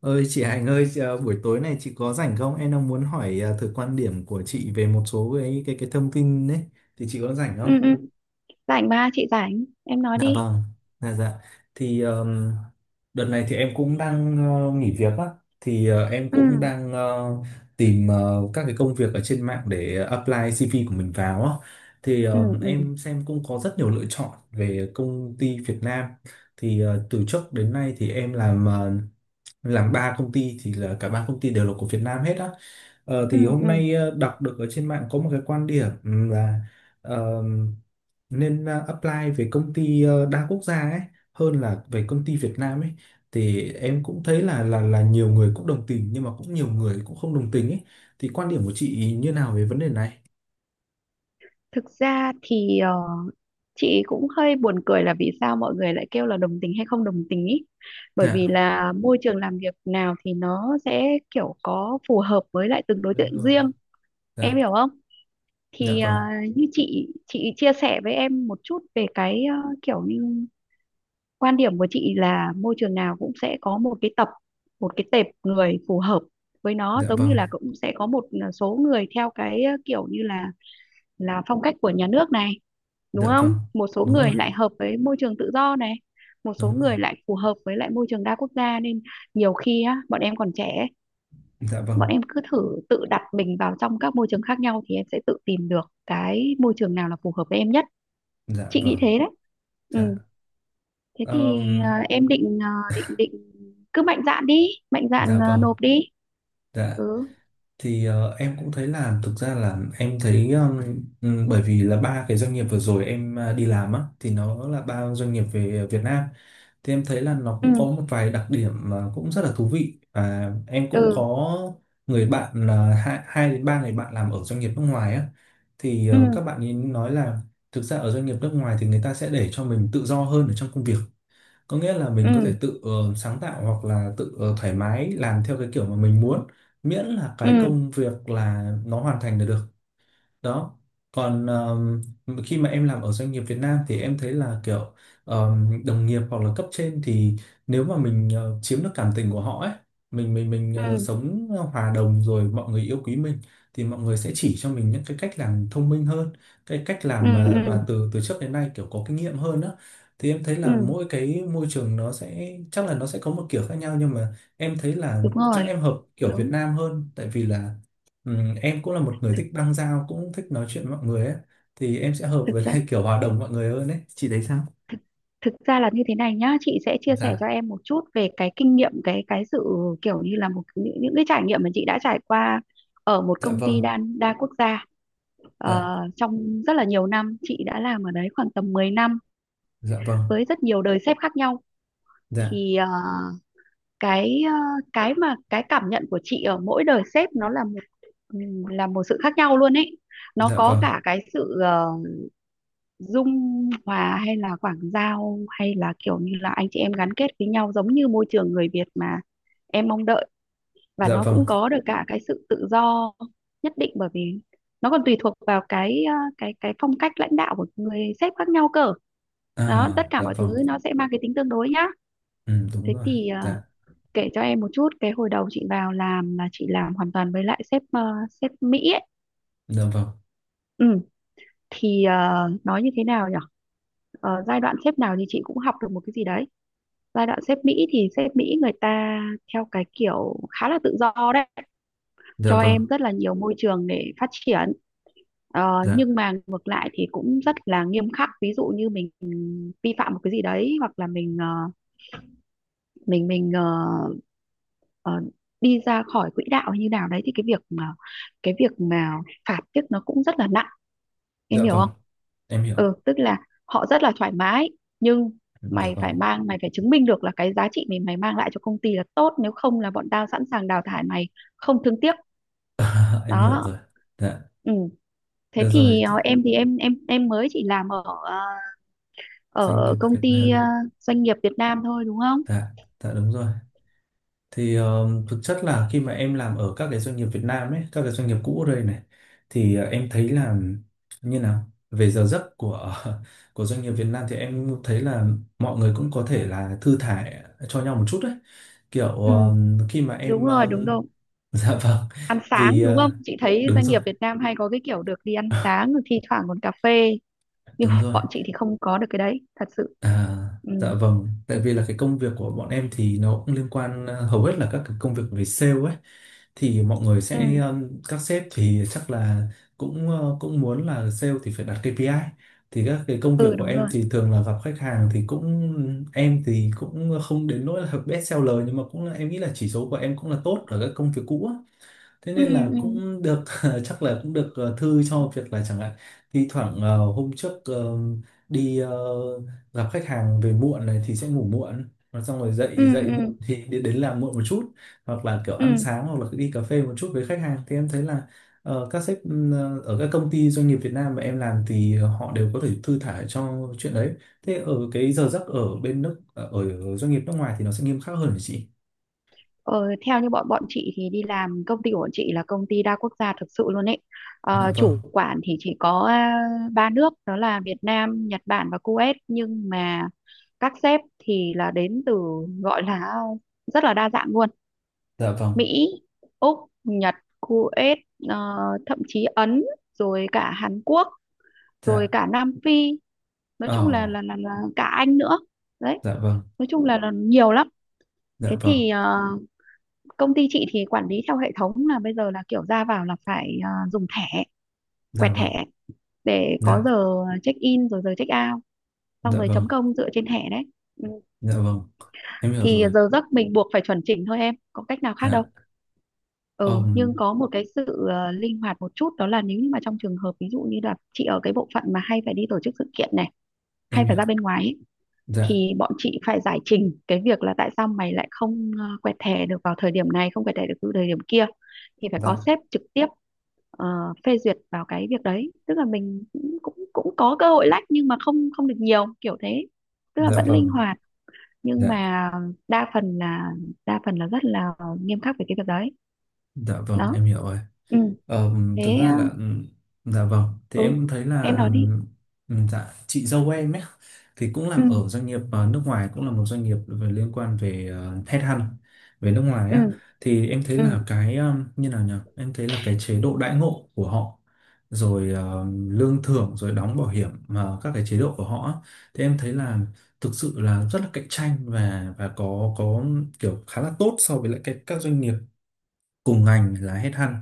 Ơi chị Hạnh ơi, buổi tối này chị có rảnh không? Em đang muốn hỏi thử quan điểm của chị về một số cái thông tin đấy. Thì chị có rảnh không? ừ ừ Rảnh, ba chị rảnh, em nói Dạ đi. vâng. Dạ dạ. Thì đợt này thì em cũng đang nghỉ việc á. Thì em cũng Ừ, đang tìm các cái công việc ở trên mạng để apply CV của mình vào á. Thì ừ, ừ, em xem cũng có rất nhiều lựa chọn về công ty Việt Nam. Thì từ trước đến nay thì em làm ba công ty thì là cả ba công ty đều là của Việt Nam hết á. Ừ, Thì hôm ừ. nay đọc được ở trên mạng có một cái quan điểm là ờ, nên apply về công ty đa quốc gia ấy, hơn là về công ty Việt Nam ấy. Thì em cũng thấy là nhiều người cũng đồng tình nhưng mà cũng nhiều người cũng không đồng tình ấy. Thì quan điểm của chị như nào về vấn đề này? Thực ra thì chị cũng hơi buồn cười là vì sao mọi người lại kêu là đồng tình hay không đồng tình ý. Bởi vì Dạ. là môi trường làm việc nào thì nó sẽ kiểu có phù hợp với lại từng đối Đúng tượng rồi. riêng. Dạ. Em hiểu không? Dạ Thì vâng. như chị chia sẻ với em một chút về cái kiểu như quan điểm của chị là môi trường nào cũng sẽ có một cái tập, một cái tệp người phù hợp với nó, Dạ giống như vâng. là cũng sẽ có một số người theo cái kiểu như là phong cách của nhà nước này, đúng Dạ không? vâng. Một số Đúng người rồi. lại hợp với môi trường tự do này, một số Đúng rồi. người lại phù hợp với lại môi trường đa quốc gia nên nhiều khi á, bọn em còn trẻ, Dạ bọn vâng. em cứ thử tự đặt mình vào trong các môi trường khác nhau thì em sẽ tự tìm được cái môi trường nào là phù hợp với em nhất. Dạ Chị nghĩ vâng. thế đấy. Ừ. Dạ. Thế thì Ờm, em định định định cứ mạnh dạn đi, mạnh dạn Dạ vâng, nộp đi. dạ. Ừ, Thì em cũng thấy là thực ra là em thấy bởi vì là ba cái doanh nghiệp vừa rồi em đi làm á thì nó là ba doanh nghiệp về Việt Nam. Thì em thấy là nó cũng ừ, có một vài đặc điểm mà cũng rất là thú vị, và em cũng ừ, có người bạn là hai đến ba người bạn làm ở doanh nghiệp nước ngoài á. Thì ừ, các bạn ấy nói là thực ra ở doanh nghiệp nước ngoài thì người ta sẽ để cho mình tự do hơn ở trong công việc, có nghĩa là mình có thể ừ, tự sáng tạo hoặc là tự thoải mái làm theo cái kiểu mà mình muốn, miễn là cái ừ, công việc là nó hoàn thành là được đó. Còn khi mà em làm ở doanh nghiệp Việt Nam thì em thấy là kiểu đồng nghiệp hoặc là cấp trên thì nếu mà mình chiếm được cảm tình của họ ấy, mình ừ, sống hòa đồng rồi mọi người yêu quý mình, thì mọi người sẽ chỉ cho mình những cái cách làm thông minh hơn, cái cách ừ, làm mà ừ, từ từ trước đến nay kiểu có kinh nghiệm hơn đó. Thì em thấy là ừ. mỗi cái môi trường nó sẽ chắc là nó sẽ có một kiểu khác nhau, nhưng mà em thấy là Đúng rồi. chắc em hợp kiểu Việt Đúng. Nam hơn, tại vì là Ừ, em cũng là một người thực thích băng giao, cũng thích nói chuyện với mọi người ấy. Thì em sẽ hợp thực với ra lại kiểu hòa đồng mọi người hơn ấy, chị thấy sao? thực ra là như thế này nhá, chị sẽ chia sẻ Dạ. cho em một chút về cái kinh nghiệm, cái sự kiểu như là một những cái trải nghiệm mà chị đã trải qua ở một Dạ công vâng. ty đa đa quốc gia. Dạ. Ờ, trong rất là nhiều năm chị đã làm ở đấy khoảng tầm 10 năm Dạ vâng. với rất nhiều đời sếp khác nhau. Dạ. Thì cái ờ, cái mà cái cảm nhận của chị ở mỗi đời sếp nó là một, là một sự khác nhau luôn ấy. Nó Dạ có vâng. cả cái sự dung hòa, hay là quảng giao, hay là kiểu như là anh chị em gắn kết với nhau giống như môi trường người Việt mà em mong đợi, và Dạ nó cũng vâng. có được cả cái sự tự do nhất định, bởi vì nó còn tùy thuộc vào cái cái phong cách lãnh đạo của người sếp khác nhau cơ. Đó, tất À, cả dạ mọi thứ vâng. nó sẽ mang cái tính tương đối nhá. Ừ, đúng Thế rồi. thì Dạ. kể cho em một chút, cái hồi đầu chị vào làm là chị làm hoàn toàn với lại sếp sếp Mỹ ấy. Dạ vâng. Ừ, thì nói như thế nào nhỉ? Giai đoạn sếp nào thì chị cũng học được một cái gì đấy. Giai đoạn sếp Mỹ thì sếp Mỹ người ta theo cái kiểu khá là tự do đấy, Dạ cho vâng. em rất là nhiều môi trường để phát triển. Ờ, Dạ. nhưng mà ngược lại thì cũng rất là nghiêm khắc. Ví dụ như mình vi phạm một cái gì đấy, hoặc là mình mình mình ờ, ờ, đi ra khỏi quỹ đạo hay như nào đấy, thì cái việc mà phạt tiếc nó cũng rất là nặng. Em Dạ hiểu vâng. không? Em hiểu. Ừ, tức là họ rất là thoải mái, nhưng Dạ vâng. Mày phải chứng minh được là cái giá trị mình, mày mang lại cho công ty là tốt, nếu không là bọn tao sẵn sàng đào thải mày không thương tiếc. Em hiểu Đó. rồi. Dạ, Ừ. Thế được rồi thì thì em thì em mới chỉ làm ở doanh ở nghiệp công Việt ty Nam. Doanh nghiệp Việt Nam thôi, đúng không? Dạ. Dạ, đúng rồi. Thì thực chất là khi mà em làm ở các cái doanh nghiệp Việt Nam ấy, các cái doanh nghiệp cũ ở đây này, thì em thấy là như nào về giờ giấc của của doanh nghiệp Việt Nam thì em thấy là mọi người cũng có thể là thư thả cho nhau một chút đấy, kiểu Ừ. Khi mà Đúng em rồi, đúng rồi. dạ vâng Ăn vì sáng đúng không? Chị thấy đúng doanh rồi nghiệp Việt Nam hay có cái kiểu được đi ăn sáng rồi thi thoảng còn cà phê, nhưng đúng mà rồi. bọn chị thì không có được cái đấy thật sự. À, Ừ. dạ vâng, tại vì là cái công việc của bọn em thì nó cũng liên quan hầu hết là các cái công việc về sale ấy. Thì mọi người Ừ. sẽ các sếp thì chắc là cũng cũng muốn là sale thì phải đặt KPI. Thì các cái công việc Ừ, của đúng em rồi. thì thường là gặp khách hàng, thì cũng em thì cũng không đến nỗi là best seller, nhưng mà cũng là em nghĩ là chỉ số của em cũng là tốt ở các công việc cũ. Thế Ừ, nên là ừ, cũng được chắc là cũng được thư cho việc là chẳng hạn thi thoảng hôm trước đi gặp khách hàng về muộn này, thì sẽ ngủ muộn và xong rồi ừ, dậy dậy muộn ừ, thì đến làm muộn một chút, hoặc là kiểu ăn ừ. sáng hoặc là đi cà phê một chút với khách hàng. Thì em thấy là các sếp ở các công ty doanh nghiệp Việt Nam mà em làm thì họ đều có thể thư thả cho chuyện đấy. Thế ở cái giờ giấc ở bên nước ở ở doanh nghiệp nước ngoài thì nó sẽ nghiêm khắc hơn hả chị? Ờ, Theo như bọn bọn chị thì đi làm, công ty của bọn chị là công ty đa quốc gia thực sự luôn ấy. Dạ Ờ, vâng. chủ quản thì chỉ có ba nước, đó là Việt Nam, Nhật Bản và Kuwait, nhưng mà các sếp thì là đến từ, gọi là, rất là đa dạng luôn: Dạ vâng. Mỹ, Úc, Nhật, Kuwait, ờ, thậm chí Ấn, rồi cả Hàn Quốc, rồi Dạ. cả Nam Phi, nói chung Ờ. Là cả Anh nữa. Đấy, Dạ vâng. nói chung là nhiều lắm. Dạ Thế vâng. thì công ty chị thì quản lý theo hệ thống là bây giờ là kiểu ra vào là phải dùng thẻ, quẹt Dạ vâng. thẻ để Dạ. có giờ check in rồi giờ check out, xong Dạ rồi vâng. chấm công dựa trên thẻ đấy. Ừ. Dạ vâng. Em hiểu Thì rồi. giờ giấc mình buộc phải chuẩn chỉnh thôi em, có cách nào khác đâu. Dạ. Ừ, nhưng ôm, có một cái sự linh hoạt một chút, đó là nếu như mà trong trường hợp ví dụ như là chị ở cái bộ phận mà hay phải đi tổ chức sự kiện này, hay em phải hiểu. ra bên ngoài ấy, Dạ. thì bọn chị phải giải trình cái việc là tại sao mày lại không quẹt thẻ được vào thời điểm này, không quẹt thẻ được từ thời điểm kia, thì phải có Dạ. sếp trực tiếp ờ, phê duyệt vào cái việc đấy, tức là mình cũng cũng cũng có cơ hội lách, nhưng mà không không được nhiều kiểu thế, tức là Dạ vẫn linh vâng. hoạt, nhưng Dạ. mà đa phần là đa phần là rất là nghiêm khắc về cái việc đấy. Dạ vâng. Đó. Em hiểu rồi. Ừ. Ờ, Thực Thế ra là dạ vâng, thì ừ, em thấy em là nói đi. Dạ chị dâu em ấy, thì cũng làm Ừ, ở doanh nghiệp nước ngoài, cũng là một doanh nghiệp về liên quan về headhunt về nước ngoài á. ừ, Thì em thấy ừ. là cái như nào nhỉ, em thấy là cái chế độ đãi ngộ của họ, rồi lương thưởng, rồi đóng bảo hiểm mà các cái chế độ của họ á, thì em thấy là thực sự là rất là cạnh tranh và có kiểu khá là tốt so với lại cái, các doanh nghiệp cùng ngành là headhunt,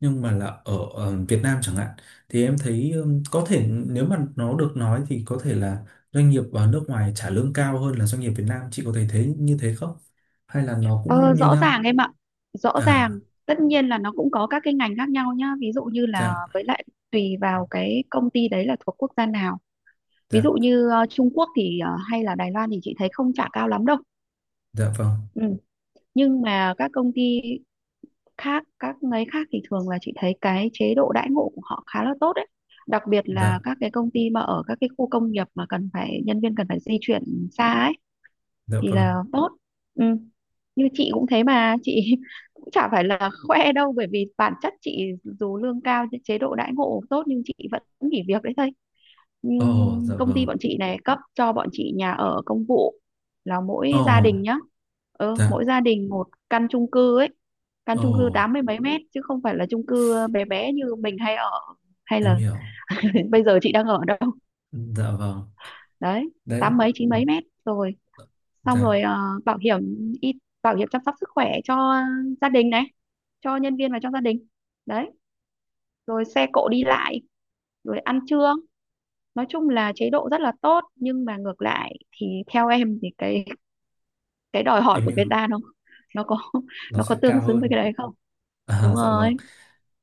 nhưng mà là ở, Việt Nam chẳng hạn. Thì em thấy có thể nếu mà nó được nói thì có thể là doanh nghiệp ở nước ngoài trả lương cao hơn là doanh nghiệp Việt Nam, chị có thể thấy như thế không hay là nó Ờ, cũng như Rõ ràng nhau? em ạ, rõ À. ràng. Tất nhiên là nó cũng có các cái ngành khác nhau nhá, ví dụ như là Dạ. với lại tùy vào cái công ty đấy là thuộc quốc gia nào. Ví dụ Dạ. như Trung Quốc thì, hay là Đài Loan, thì chị thấy không trả cao lắm đâu. Dạ vâng. Ừ. Nhưng mà các công ty khác, các ngành khác thì thường là chị thấy cái chế độ đãi ngộ của họ khá là tốt đấy, đặc biệt là Dạ. các cái công ty mà ở các cái khu công nghiệp mà cần phải, nhân viên cần phải di chuyển xa ấy, Dạ thì là vâng. tốt. Ừ. Như chị cũng thế mà, chị cũng chả phải là khoe đâu, bởi vì bản chất chị dù lương cao, chế độ đãi ngộ tốt, nhưng chị vẫn nghỉ việc đấy thôi. Ồ. Nhưng Dạ công vâng. ty bọn chị này cấp cho bọn chị nhà ở công vụ, là Ồ. mỗi gia đình nhá. Ừ, Dạ. mỗi gia đình một căn chung cư ấy, căn Ồ. chung cư tám mươi mấy mét chứ không phải là chung cư bé bé như mình hay ở, hay Em là hiểu. bây giờ chị đang ở, đâu Dạ vâng. đấy Đấy. tám mấy chín mấy mét rồi. Xong Dạ rồi bảo hiểm y bảo hiểm chăm sóc sức khỏe cho gia đình này, cho nhân viên và cho gia đình. Đấy. Rồi xe cộ đi lại, rồi ăn trưa, nói chung là chế độ rất là tốt, nhưng mà ngược lại thì theo em thì cái đòi hỏi em của hiểu. Việt Nam, nó, nó có Nó nó có sẽ tương cao xứng với hơn. cái đấy không? À, Đúng dạ vâng. rồi,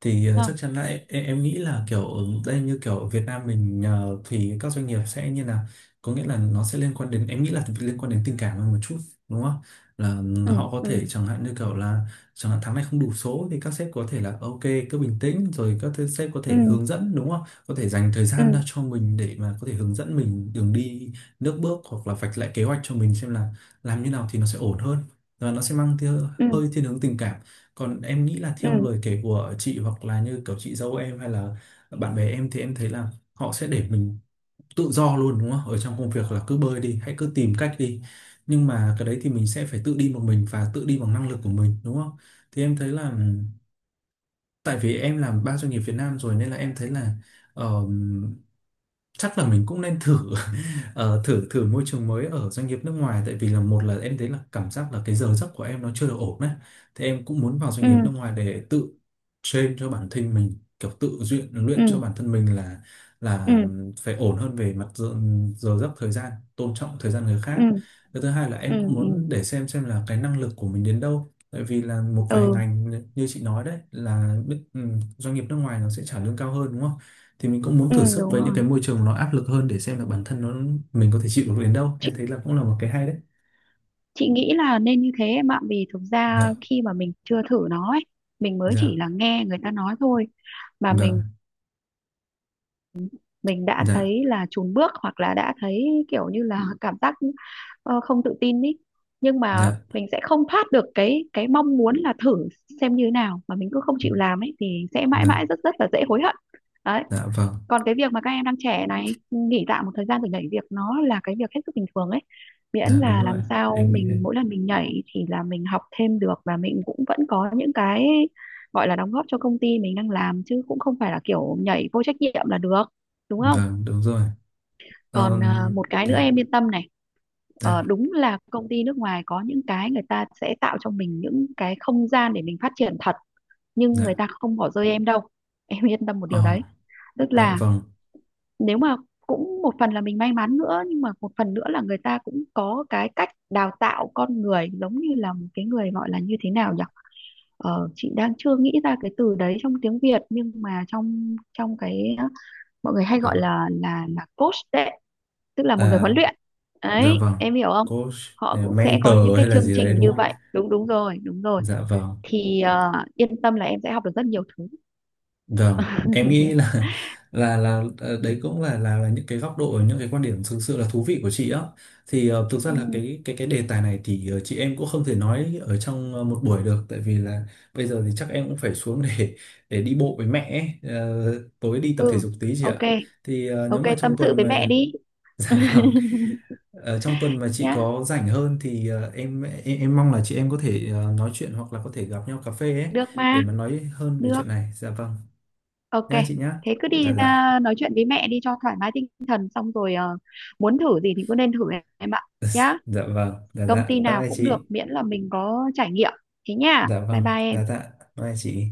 Thì đúng không? chắc chắn là em nghĩ là kiểu ở đây như kiểu ở Việt Nam mình thì các doanh nghiệp sẽ như là, có nghĩa là nó sẽ liên quan đến em nghĩ là liên quan đến tình cảm hơn một chút, đúng không? Là Ừ, họ có thể ừ, chẳng hạn như kiểu là chẳng hạn tháng này không đủ số thì các sếp có thể là ok, cứ bình tĩnh, rồi các sếp có ừ, thể hướng dẫn, đúng không, có thể dành thời ừ, gian ra cho mình để mà có thể hướng dẫn mình đường đi nước bước hoặc là vạch lại kế hoạch cho mình xem là làm như nào thì nó sẽ ổn hơn. Và nó sẽ mang ừ, hơi thiên hướng tình cảm. Còn em nghĩ là ừ, theo lời kể của chị hoặc là như kiểu chị dâu em hay là bạn bè em thì em thấy là họ sẽ để mình tự do luôn, đúng không? Ở trong công việc là cứ bơi đi, hãy cứ tìm cách đi. Nhưng mà cái đấy thì mình sẽ phải tự đi một mình và tự đi bằng năng lực của mình, đúng không? Thì em thấy là tại vì em làm ba doanh nghiệp Việt Nam rồi nên là em thấy là chắc là mình cũng nên thử thử thử môi trường mới ở doanh nghiệp nước ngoài, tại vì là một là em thấy là cảm giác là cái giờ giấc của em nó chưa được ổn đấy. Thì em cũng muốn vào doanh ừ, nghiệp nước ngoài để tự train cho bản thân mình, kiểu tự luyện luyện cho ừ, bản thân mình là ừ, là ừ, phải ổn hơn về mặt giờ giấc, thời gian, tôn trọng thời gian người khác. ừ, Cái thứ hai là ừ, em cũng muốn để xem là cái năng lực của mình đến đâu, tại vì là một vài ừ, ngành như như chị nói đấy là doanh nghiệp nước ngoài nó sẽ trả lương cao hơn, đúng không? Thì mình cũng muốn ừ, thử sức đúng với những cái rồi. môi trường nó áp lực hơn để xem là bản thân nó mình có thể chịu được đến đâu, em chị thấy là cũng là một cái hay đấy. chị nghĩ là nên như thế em ạ, vì thực ra Dạ. khi mà mình chưa thử nó ấy, mình mới chỉ Dạ là nghe người ta nói thôi mà vâng. mình đã Dạ. thấy là chùn bước hoặc là đã thấy kiểu như là cảm giác không tự tin ý, nhưng mà Dạ. mình sẽ không thoát được cái mong muốn là thử xem như thế nào, mà mình cứ không chịu làm ấy thì sẽ mãi Dạ. mãi rất rất là dễ hối hận. Đấy. Dạ vâng. Còn cái việc mà các em đang trẻ này nghỉ tạm một thời gian rồi nhảy việc, nó là cái việc hết sức bình thường ấy, miễn Dạ, đúng là rồi. làm sao Em nghĩ mình, thế. mỗi lần mình nhảy thì là mình học thêm được và mình cũng vẫn có những cái gọi là đóng góp cho công ty mình đang làm, chứ cũng không phải là kiểu nhảy vô trách nhiệm là được, đúng không? Vâng, đúng rồi. Còn Ờm, một cái nữa dạ. em yên tâm này. Ờ, Dạ. đúng là công ty nước ngoài có những cái người ta sẽ tạo cho mình những cái không gian để mình phát triển thật, nhưng người Dạ. ta không bỏ rơi em đâu, em yên tâm một điều Ờ. đấy. Tức Dạ là vâng. nếu mà, cũng một phần là mình may mắn nữa, nhưng mà một phần nữa là người ta cũng có cái cách đào tạo con người giống như là một cái người, gọi là như thế nào nhỉ, chị đang chưa nghĩ ra cái từ đấy trong tiếng Việt, nhưng mà trong trong cái, mọi người hay gọi Kiểu. là coach đấy, tức là một người À, huấn luyện. dạ Đấy, vâng. em hiểu không? Coach Họ hay là cũng sẽ có những mentor cái hay là chương gì đấy trình đúng như không? vậy, đúng, đúng rồi, đúng rồi. Dạ vâng. Thì yên tâm là em sẽ học được rất nhiều thứ. Vâng, em nghĩ là đấy cũng là những cái góc độ, những cái quan điểm thực sự là thú vị của chị á. Thì thực Ừ, ra là cái đề tài này thì chị em cũng không thể nói ở trong một buổi được, tại vì là bây giờ thì chắc em cũng phải xuống để đi bộ với mẹ ấy. Ờ, Tối đi tập thể ừ. dục tí chị Ok. ạ. Thì nếu Ok, mà tâm trong sự tuần với mẹ mà đi dạ vâng, trong tuần mà chị nhá, có rảnh hơn thì em mong là chị em có thể nói chuyện hoặc là có thể gặp nhau cà phê ấy, được mà, để mà nói hơn về được, chuyện này. Dạ vâng, ok. nha chị nhá. Thế cứ Dạ. đi Dạ. ra nói chuyện với mẹ đi cho thoải mái tinh thần, xong rồi muốn thử gì thì cứ nên thử em ạ, nhá. Dạ vâng. Dạ. Công Dạ ty bye nào bye cũng được chị. miễn là mình có trải nghiệm. Thế nha, Dạ bye vâng. bye em. Dạ. Dạ bye bye chị.